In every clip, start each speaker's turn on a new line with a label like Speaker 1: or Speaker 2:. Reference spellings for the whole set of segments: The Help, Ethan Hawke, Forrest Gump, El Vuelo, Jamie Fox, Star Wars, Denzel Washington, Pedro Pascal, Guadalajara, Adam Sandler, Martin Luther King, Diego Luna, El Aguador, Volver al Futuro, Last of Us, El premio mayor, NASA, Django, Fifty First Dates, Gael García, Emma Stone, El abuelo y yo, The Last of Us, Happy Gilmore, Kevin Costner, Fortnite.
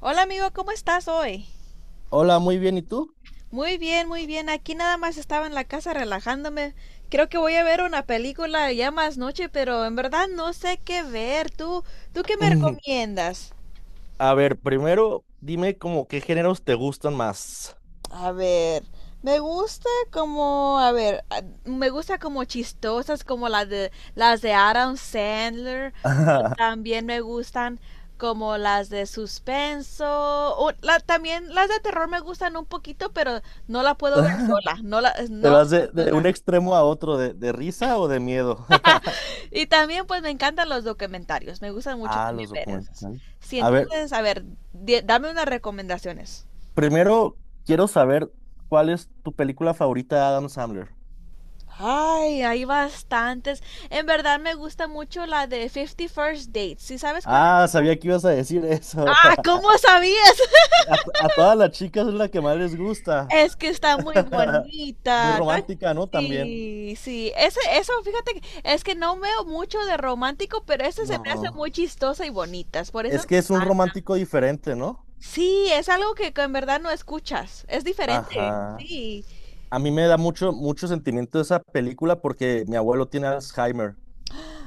Speaker 1: Hola amigo, ¿cómo estás hoy?
Speaker 2: Hola, muy bien, ¿y tú?
Speaker 1: Muy bien, muy bien. Aquí nada más estaba en la casa relajándome. Creo que voy a ver una película ya más noche, pero en verdad no sé qué ver. ¿Tú qué me recomiendas?
Speaker 2: A ver, primero dime como qué géneros te gustan más.
Speaker 1: A ver, me gusta como, a ver, me gusta como chistosas como las de Adam Sandler. o También me gustan como las de suspenso. O la, también las de terror me gustan un poquito, pero no la puedo ver sola.
Speaker 2: ¿Te
Speaker 1: No,
Speaker 2: vas de un
Speaker 1: sola.
Speaker 2: extremo a otro, de risa o de miedo?
Speaker 1: Y también pues me encantan los documentarios. Me gustan mucho
Speaker 2: Ah, los
Speaker 1: también ver esos.
Speaker 2: documentales.
Speaker 1: Sí,
Speaker 2: A ver,
Speaker 1: entonces, a ver, dame unas recomendaciones.
Speaker 2: primero quiero saber cuál es tu película favorita de Adam Sandler.
Speaker 1: Ay, hay bastantes. En verdad me gusta mucho la de Fifty First Dates. ¿Sí sabes cuál es?
Speaker 2: Ah, sabía que ibas a decir eso.
Speaker 1: Ah, ¿cómo sabías?
Speaker 2: A todas las chicas es la que más les gusta.
Speaker 1: Es que está muy
Speaker 2: Muy
Speaker 1: bonita.
Speaker 2: romántica, ¿no? También.
Speaker 1: Sí, sí. Eso, fíjate, es que no veo mucho de romántico, pero esa se me hace muy
Speaker 2: No.
Speaker 1: chistosa y bonita. Por eso
Speaker 2: Es
Speaker 1: me
Speaker 2: que es un
Speaker 1: encanta.
Speaker 2: romántico diferente, ¿no?
Speaker 1: Sí, es algo que en verdad no escuchas. Es diferente.
Speaker 2: Ajá.
Speaker 1: Sí.
Speaker 2: A mí me da mucho, mucho sentimiento esa película porque mi abuelo tiene Alzheimer.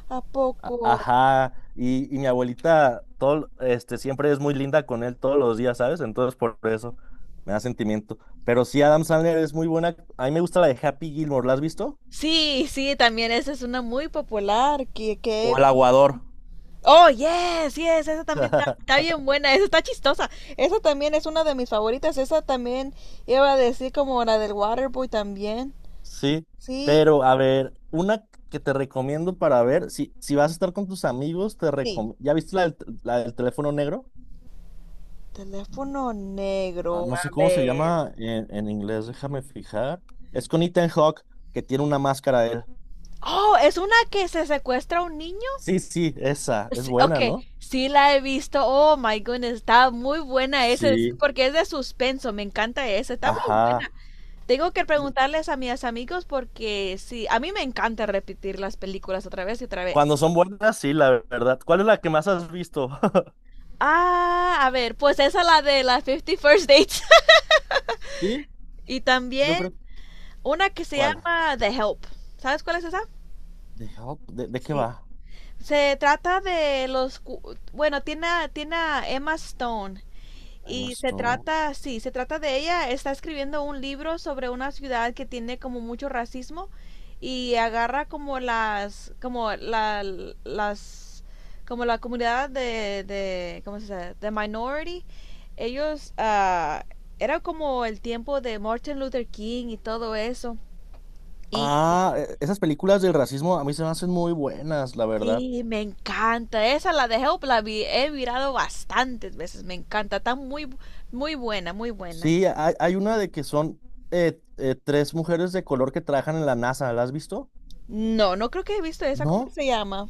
Speaker 1: ¿A poco?
Speaker 2: Ajá. Y mi abuelita todo, este, siempre es muy linda con él todos los días, ¿sabes? Entonces por eso me da sentimiento. Pero sí, Adam Sandler es muy buena. A mí me gusta la de Happy Gilmore. ¿La has visto?
Speaker 1: Sí, sí, también esa es una muy popular que he.
Speaker 2: O El Aguador.
Speaker 1: Oh, yes, yes, esa también está bien buena, esa está chistosa. Esa también es una de mis favoritas. Esa también iba a decir como la del Waterboy también.
Speaker 2: Sí.
Speaker 1: Sí,
Speaker 2: Pero a ver, una que te recomiendo para ver, si vas a estar con tus amigos, te
Speaker 1: sí.
Speaker 2: recomiendo. ¿Ya viste la del teléfono negro?
Speaker 1: Teléfono
Speaker 2: Ah,
Speaker 1: negro,
Speaker 2: no
Speaker 1: a
Speaker 2: sé cómo se
Speaker 1: ver.
Speaker 2: llama en inglés, déjame fijar. Es con Ethan Hawke, que tiene una máscara él.
Speaker 1: Oh, es una que se secuestra a un niño.
Speaker 2: Sí, sí, esa, es
Speaker 1: Sí,
Speaker 2: buena,
Speaker 1: ok,
Speaker 2: ¿no?
Speaker 1: sí la he visto. Oh my goodness, está muy buena esa,
Speaker 2: Sí,
Speaker 1: porque es de suspenso. Me encanta esa.
Speaker 2: ajá.
Speaker 1: Tengo que preguntarles a mis amigos porque sí, a mí me encanta repetir las películas otra vez y otra vez.
Speaker 2: Cuando son buenas, sí, la verdad. ¿Cuál es la que más has visto?
Speaker 1: Ah, a ver, pues esa es la de las Fifty First Dates.
Speaker 2: Sí,
Speaker 1: Y
Speaker 2: yo
Speaker 1: también
Speaker 2: creo.
Speaker 1: una que se
Speaker 2: ¿Cuál?
Speaker 1: llama The Help. ¿Sabes cuál es esa?
Speaker 2: ¿De, Hawk? ¿De qué
Speaker 1: Sí.
Speaker 2: va?
Speaker 1: Se trata de los... cu- Bueno, tiene, tiene a Emma Stone.
Speaker 2: Emma
Speaker 1: Y se
Speaker 2: Stone.
Speaker 1: trata, sí, se trata de ella, está escribiendo un libro sobre una ciudad que tiene como mucho racismo y agarra como las, como la comunidad de ¿cómo se dice? De minority. Ellos, era como el tiempo de Martin Luther King y todo eso.
Speaker 2: Ah,
Speaker 1: Y
Speaker 2: esas películas del racismo a mí se me hacen muy buenas, la verdad.
Speaker 1: sí, me encanta. Esa la de Help la he mirado bastantes veces. Me encanta. Está muy, muy buena, muy buena.
Speaker 2: Sí, hay una de que son tres mujeres de color que trabajan en la NASA, ¿la has visto?
Speaker 1: No, no creo que he visto esa. ¿Cómo
Speaker 2: ¿No?
Speaker 1: se llama?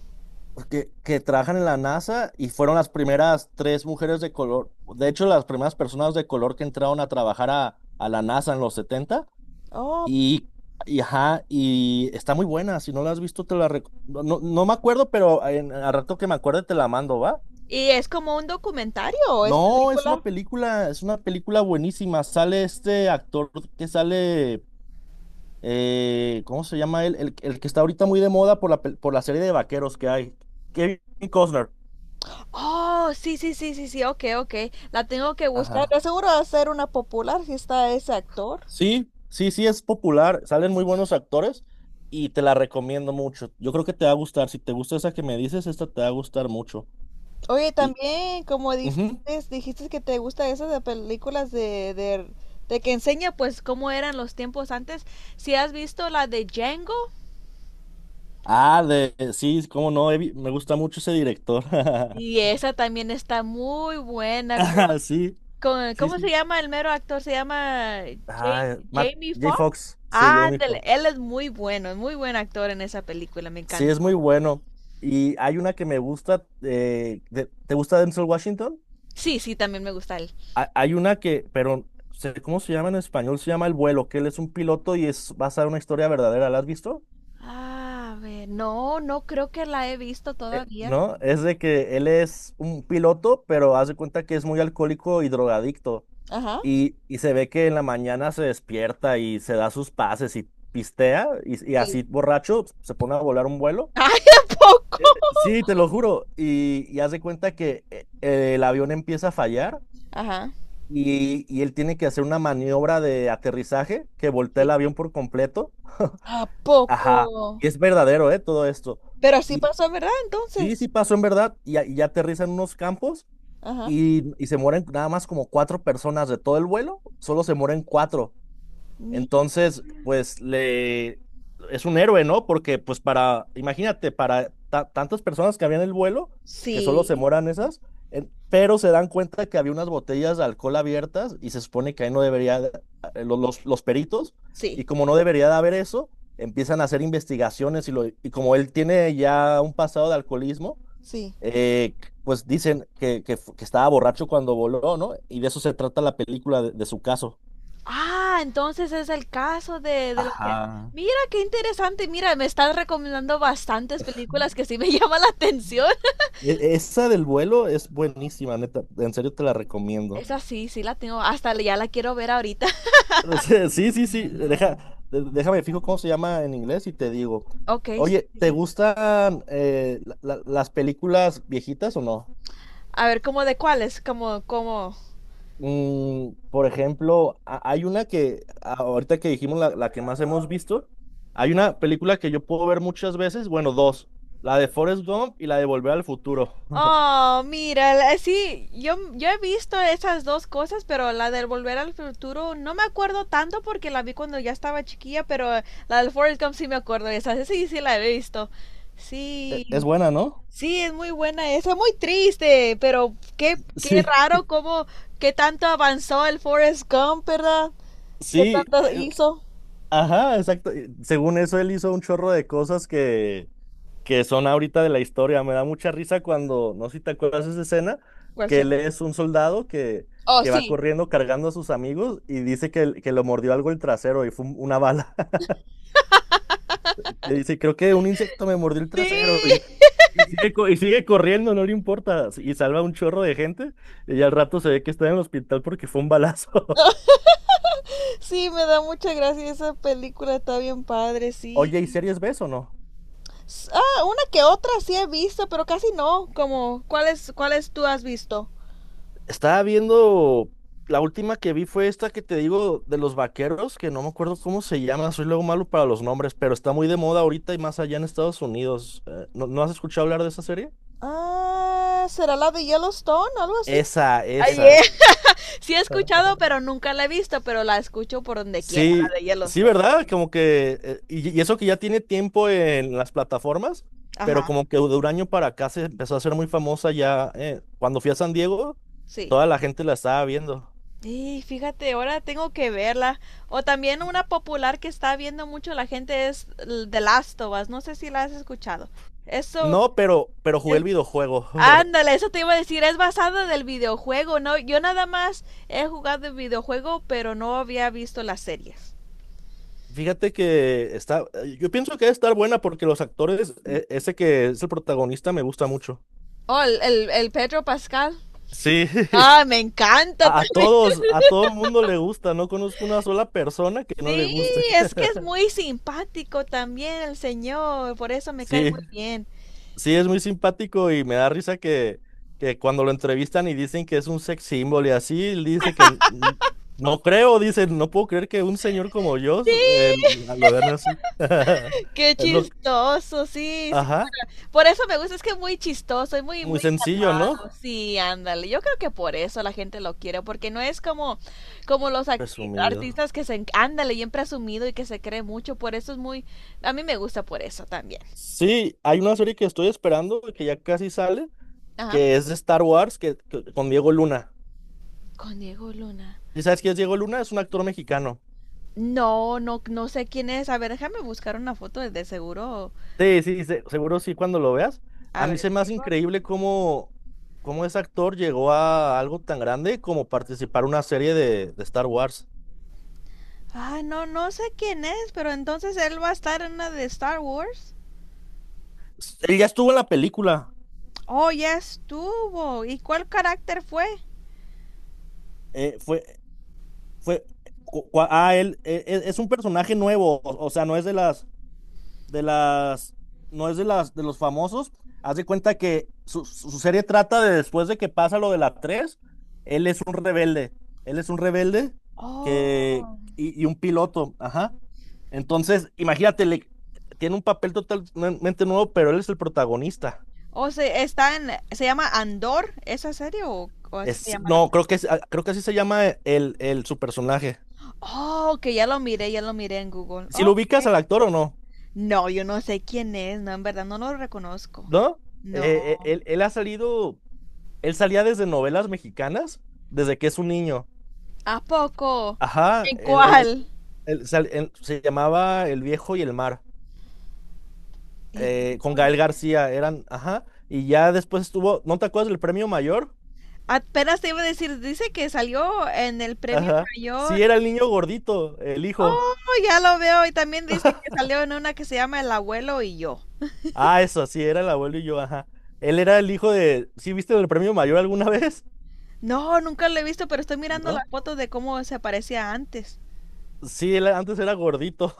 Speaker 2: Pues, que trabajan en la NASA y fueron las primeras tres mujeres de color, de hecho, las primeras personas de color que entraron a trabajar a, la NASA en los 70
Speaker 1: Oh,
Speaker 2: y, ajá, y está muy buena, si no la has visto, no, no, no me acuerdo, pero al rato que me acuerde te la mando, ¿va?
Speaker 1: ¿y es como un documentario o es
Speaker 2: No,
Speaker 1: película?
Speaker 2: es una película buenísima, sale este actor que sale, ¿cómo se llama él? El que está ahorita muy de moda por la serie de vaqueros que hay, Kevin Costner.
Speaker 1: Oh, sí, sí, sí, sí, sí, ok, ok. La tengo que buscar.
Speaker 2: Ajá.
Speaker 1: De seguro va a ser una popular si está ese actor.
Speaker 2: Sí, sí, sí, es popular, salen muy buenos actores y te la recomiendo mucho. Yo creo que te va a gustar, si te gusta esa que me dices, esta te va a gustar mucho.
Speaker 1: Oye,
Speaker 2: Y,
Speaker 1: también, como dijiste,
Speaker 2: ujú.
Speaker 1: dijiste que te gusta esas de películas de que enseña pues cómo eran los tiempos antes. Si has visto la de Django,
Speaker 2: Ah, sí, cómo no, me gusta mucho ese director.
Speaker 1: y esa también está muy buena.
Speaker 2: Ah, sí, sí,
Speaker 1: ¿Cómo se
Speaker 2: sí.
Speaker 1: llama el mero actor? Se llama
Speaker 2: Ah, Matt,
Speaker 1: Jamie
Speaker 2: J.
Speaker 1: Foxx.
Speaker 2: Fox, sí,
Speaker 1: Ah,
Speaker 2: Jamie
Speaker 1: ándale, él
Speaker 2: Fox.
Speaker 1: es muy bueno, es muy buen actor en esa película, me
Speaker 2: Sí, es
Speaker 1: encantó.
Speaker 2: muy bueno. Y hay una que me gusta, ¿te gusta Denzel Washington?
Speaker 1: Sí, sí, también me gusta él.
Speaker 2: Hay una que, pero sé cómo se llama en español, se llama El Vuelo, que él es un piloto y es basada en una historia verdadera. ¿La has visto?
Speaker 1: Ah, a ver, no, no creo que la he visto todavía.
Speaker 2: ¿No? Es de que él es un piloto, pero hace cuenta que es muy alcohólico y drogadicto.
Speaker 1: Ajá,
Speaker 2: Y se ve que en la mañana se despierta y se da sus pases y pistea y
Speaker 1: sí.
Speaker 2: así borracho se pone a volar un vuelo.
Speaker 1: Ay, ¿a poco?
Speaker 2: Sí, te lo juro. Y haz de cuenta que el avión empieza a fallar
Speaker 1: Ajá,
Speaker 2: y él tiene que hacer una maniobra de aterrizaje que voltea el
Speaker 1: sí.
Speaker 2: avión por completo.
Speaker 1: ¿A
Speaker 2: Ajá.
Speaker 1: poco?
Speaker 2: Y es verdadero, ¿eh? Todo esto.
Speaker 1: Pero sí
Speaker 2: Y
Speaker 1: pasó, ¿verdad?
Speaker 2: sí,
Speaker 1: Entonces.
Speaker 2: sí pasó en verdad. Y ya aterrizan unos campos
Speaker 1: Ajá.
Speaker 2: y se mueren nada más como cuatro personas de todo el vuelo. Solo se mueren cuatro.
Speaker 1: Mi...
Speaker 2: Entonces, pues le es un héroe, ¿no? Porque pues para, imagínate, para tantas personas que habían el vuelo, que solo se
Speaker 1: Sí,
Speaker 2: moran esas, pero se dan cuenta que había unas botellas de alcohol abiertas y se supone que ahí no debería, los peritos,
Speaker 1: sí,
Speaker 2: y como no debería de haber eso, empiezan a hacer investigaciones y como él tiene ya un pasado de alcoholismo,
Speaker 1: sí.
Speaker 2: eh, pues dicen que estaba borracho cuando voló, ¿no? Y de eso se trata la película de su caso.
Speaker 1: Ah, entonces es el caso de lo que.
Speaker 2: Ajá.
Speaker 1: Mira, qué interesante. Mira, me estás recomendando bastantes películas que sí me llaman la atención.
Speaker 2: Esa del vuelo es buenísima, neta. En serio te la recomiendo.
Speaker 1: Esa sí, sí la tengo. Hasta ya la quiero ver ahorita.
Speaker 2: O sea, sí, sí, sí. Déjame fijo cómo se llama en inglés y te digo.
Speaker 1: Ok, sí,
Speaker 2: Oye,
Speaker 1: sí,
Speaker 2: ¿te
Speaker 1: sí.
Speaker 2: gustan las películas viejitas o no?
Speaker 1: A ver, ¿cómo de cuáles?
Speaker 2: Mm, por ejemplo, hay una que ahorita que dijimos la que más hemos visto, hay una película que yo puedo ver muchas veces, bueno, dos, la de Forrest Gump y la de Volver al Futuro.
Speaker 1: Oh, mira, sí, yo he visto esas dos cosas, pero la del Volver al Futuro no me acuerdo tanto porque la vi cuando ya estaba chiquilla, pero la del Forrest Gump sí me acuerdo, esa sí, sí la he visto.
Speaker 2: Es
Speaker 1: Sí,
Speaker 2: buena, ¿no?
Speaker 1: Sí, es muy buena esa, muy triste, pero qué
Speaker 2: Sí,
Speaker 1: raro cómo, qué tanto avanzó el Forrest Gump, ¿verdad? ¿Qué
Speaker 2: sí,
Speaker 1: tanto hizo?
Speaker 2: ajá, exacto. Y según eso, él hizo un chorro de cosas que son ahorita de la historia. Me da mucha risa cuando, no sé si te acuerdas de esa escena,
Speaker 1: ¿Cuál
Speaker 2: que él
Speaker 1: será?
Speaker 2: es un soldado que,
Speaker 1: Oh,
Speaker 2: que va
Speaker 1: sí.
Speaker 2: corriendo cargando a sus amigos y dice que, que lo mordió algo el trasero y fue una bala. Que dice, creo que un insecto me mordió el
Speaker 1: Sí,
Speaker 2: trasero y, y sigue, co- y sigue corriendo, no le importa. Y salva un chorro de gente y al rato se ve que está en el hospital porque fue un balazo.
Speaker 1: sí, me da mucha gracia esa película, está bien padre, sí.
Speaker 2: Oye, ¿y series ves o no?
Speaker 1: Una que otra sí he visto, pero casi no, como, ¿cuáles tú has visto?
Speaker 2: Estaba viendo, la última que vi fue esta que te digo de los vaqueros, que no me acuerdo cómo se llama, soy luego malo para los nombres, pero está muy de moda ahorita y más allá en Estados Unidos. ¿No has escuchado hablar de esa serie?
Speaker 1: Ah, ¿será la de Yellowstone, algo así?
Speaker 2: Esa,
Speaker 1: Ay.
Speaker 2: esa.
Speaker 1: Sí he escuchado, pero nunca la he visto, pero la escucho por donde quiera, la
Speaker 2: Sí,
Speaker 1: de
Speaker 2: sí,
Speaker 1: Yellowstone.
Speaker 2: ¿verdad?
Speaker 1: Sí.
Speaker 2: Como que, eso que ya tiene tiempo en las plataformas, pero
Speaker 1: Ajá.
Speaker 2: como que de un año para acá se empezó a hacer muy famosa ya. Cuando fui a San Diego,
Speaker 1: Sí.
Speaker 2: toda la gente la estaba viendo.
Speaker 1: Y fíjate, ahora tengo que verla. O también una popular que está viendo mucho la gente es The Last of Us. No sé si la has escuchado. Eso
Speaker 2: No, pero jugué el
Speaker 1: es...
Speaker 2: videojuego.
Speaker 1: Ándale, eso te iba a decir. Es basado del videojuego, ¿no? Yo nada más he jugado el videojuego, pero no había visto las series.
Speaker 2: Fíjate que está, yo pienso que debe estar buena porque los actores, ese que es el protagonista me gusta mucho.
Speaker 1: Oh, el Pedro Pascal.
Speaker 2: Sí,
Speaker 1: Ah, me encanta
Speaker 2: A, a
Speaker 1: también.
Speaker 2: todos, a todo mundo le gusta, no conozco una sola persona que no le
Speaker 1: Sí,
Speaker 2: guste.
Speaker 1: es que es muy simpático también el señor. Por eso me cae
Speaker 2: Sí,
Speaker 1: muy bien.
Speaker 2: sí, es muy simpático y me da risa que cuando lo entrevistan y dicen que es un sex symbol y así, él dice que no creo, dice, no puedo creer que un señor como yo
Speaker 1: Sí,
Speaker 2: lo vean así.
Speaker 1: qué
Speaker 2: Es lo,
Speaker 1: chistoso. Sí, sí.
Speaker 2: ajá,
Speaker 1: Por eso me gusta, es que es muy chistoso
Speaker 2: muy sencillo, ¿no?
Speaker 1: Sí, ándale. Yo creo que por eso la gente lo quiere, porque no es como, como los
Speaker 2: Presumido.
Speaker 1: artistas ándale, bien presumido y que se cree mucho. Por eso A mí me gusta por eso también.
Speaker 2: Sí, hay una serie que estoy esperando, que ya casi sale,
Speaker 1: Ajá.
Speaker 2: que es de Star Wars, con Diego Luna.
Speaker 1: Con Diego Luna.
Speaker 2: ¿Y sabes quién es Diego Luna? Es un actor mexicano.
Speaker 1: No, no, no sé quién es. A ver, déjame buscar una foto de seguro.
Speaker 2: Sí, sí, seguro sí cuando lo veas. A
Speaker 1: A
Speaker 2: mí
Speaker 1: ver.
Speaker 2: se me hace increíble cómo ese actor llegó a algo tan grande como participar en una serie de Star Wars.
Speaker 1: Ah, no, no sé quién es, pero entonces él va a estar en una de Star Wars.
Speaker 2: Él ya estuvo en la película.
Speaker 1: Oh, ya estuvo. ¿Y cuál carácter fue?
Speaker 2: eh, fue, fue, es un personaje nuevo, o sea, no es de las, de los famosos. Haz de cuenta que su serie trata de después de que pasa lo de la tres. Él es un rebelde, él es un rebelde que,
Speaker 1: Oh.
Speaker 2: y un piloto, ajá. Entonces, imagínate, tiene un papel totalmente nuevo, pero él es el protagonista.
Speaker 1: O se está en, se llama Andor esa serie o así se
Speaker 2: Es,
Speaker 1: llama la.
Speaker 2: no, creo que, es- ah, creo que así se llama su personaje.
Speaker 1: Oh, que ya lo miré en Google.
Speaker 2: Si lo
Speaker 1: Oh,
Speaker 2: ubicas al actor o no,
Speaker 1: no, yo no sé quién es, no, en verdad no lo reconozco.
Speaker 2: ¿no?
Speaker 1: No.
Speaker 2: Eh, eh, él, él ha salido, él salía desde novelas mexicanas desde que es un niño.
Speaker 1: ¿A poco?
Speaker 2: Ajá,
Speaker 1: ¿En cuál?
Speaker 2: se llamaba El Viejo y el Mar,
Speaker 1: El
Speaker 2: con Gael García, eran, ajá, y ya después estuvo, ¿no te acuerdas del Premio Mayor?
Speaker 1: Apenas te iba a decir, dice que salió en el premio
Speaker 2: Ajá, sí,
Speaker 1: mayor.
Speaker 2: era el niño gordito, el hijo,
Speaker 1: Oh, ya lo veo. Y también dice que salió en una que se llama El abuelo y yo.
Speaker 2: ah, eso, sí, era El Abuelo y Yo, ajá, él era el hijo de, ¿sí viste el Premio Mayor alguna vez?
Speaker 1: No, nunca lo he visto, pero estoy mirando
Speaker 2: ¿No?
Speaker 1: las fotos de cómo se parecía antes.
Speaker 2: Sí, él antes era gordito,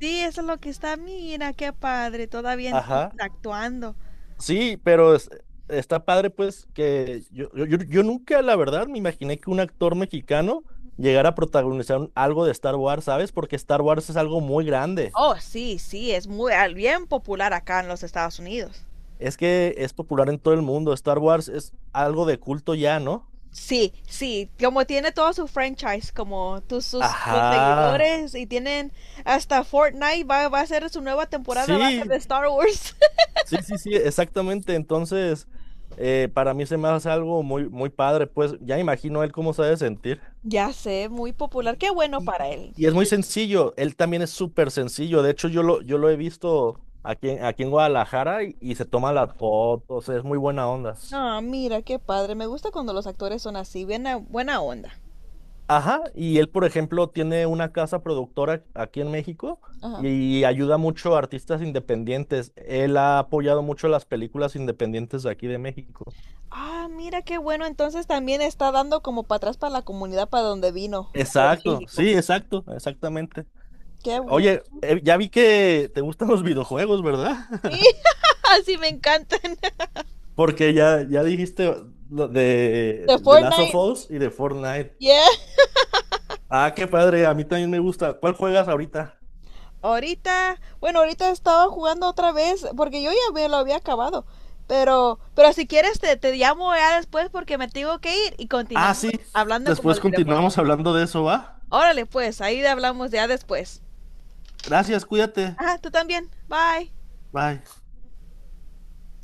Speaker 1: Sí, eso es lo que está. Mira, qué padre, todavía entonces
Speaker 2: ajá.
Speaker 1: actuando.
Speaker 2: Sí, pero está padre, pues, que yo nunca, la verdad, me imaginé que un actor mexicano llegara a protagonizar algo de Star Wars, ¿sabes? Porque Star Wars es algo muy grande.
Speaker 1: Oh, sí, sí, es muy bien popular acá en los Estados Unidos.
Speaker 2: Es que es popular en todo el mundo. Star Wars es algo de culto ya, ¿no?
Speaker 1: Sí, sí, como tiene todo su franchise, como tus sus los
Speaker 2: Ajá.
Speaker 1: seguidores y tienen hasta Fortnite va a ser su nueva temporada, va a ser de
Speaker 2: Sí,
Speaker 1: Star Wars.
Speaker 2: sí, sí, sí, exactamente. Entonces, para mí se me hace algo muy, muy padre, pues, ya imagino él cómo se ha de sentir.
Speaker 1: Ya sé, muy
Speaker 2: Y,
Speaker 1: popular. Qué bueno
Speaker 2: y-
Speaker 1: para
Speaker 2: y-
Speaker 1: él.
Speaker 2: y es muy sencillo, él también es súper sencillo, de hecho yo lo he visto aquí, aquí en Guadalajara y se toma las fotos, es muy buena onda.
Speaker 1: Ah, mira, qué padre. Me gusta cuando los actores son así, bien buena onda.
Speaker 2: Ajá, y él, por ejemplo, tiene una casa productora aquí en México
Speaker 1: Ajá.
Speaker 2: y ayuda mucho a artistas independientes. Él ha apoyado mucho las películas independientes de aquí de México.
Speaker 1: Ah, mira qué bueno. Entonces también está dando como para atrás para la comunidad para donde vino, para
Speaker 2: Exacto,
Speaker 1: México.
Speaker 2: sí, exacto, exactamente.
Speaker 1: Qué bueno.
Speaker 2: Oye, ya vi que te gustan los videojuegos, ¿verdad?
Speaker 1: Sí, así me encantan.
Speaker 2: Porque ya dijiste lo de,
Speaker 1: De
Speaker 2: de Last of
Speaker 1: Fortnite.
Speaker 2: Us y de Fortnite.
Speaker 1: Yeah.
Speaker 2: Ah, qué padre, a mí también me gusta. ¿Cuál juegas ahorita?
Speaker 1: Ahorita, bueno, ahorita estaba jugando otra vez porque yo ya me lo había acabado. Pero si quieres te llamo ya después porque me tengo que ir y
Speaker 2: Ah,
Speaker 1: continuamos
Speaker 2: sí,
Speaker 1: hablando con
Speaker 2: después
Speaker 1: los videojuegos.
Speaker 2: continuamos hablando de eso, ¿va?
Speaker 1: Órale, pues, ahí hablamos ya después.
Speaker 2: Gracias, cuídate.
Speaker 1: Ajá, tú también. Bye.
Speaker 2: Bye.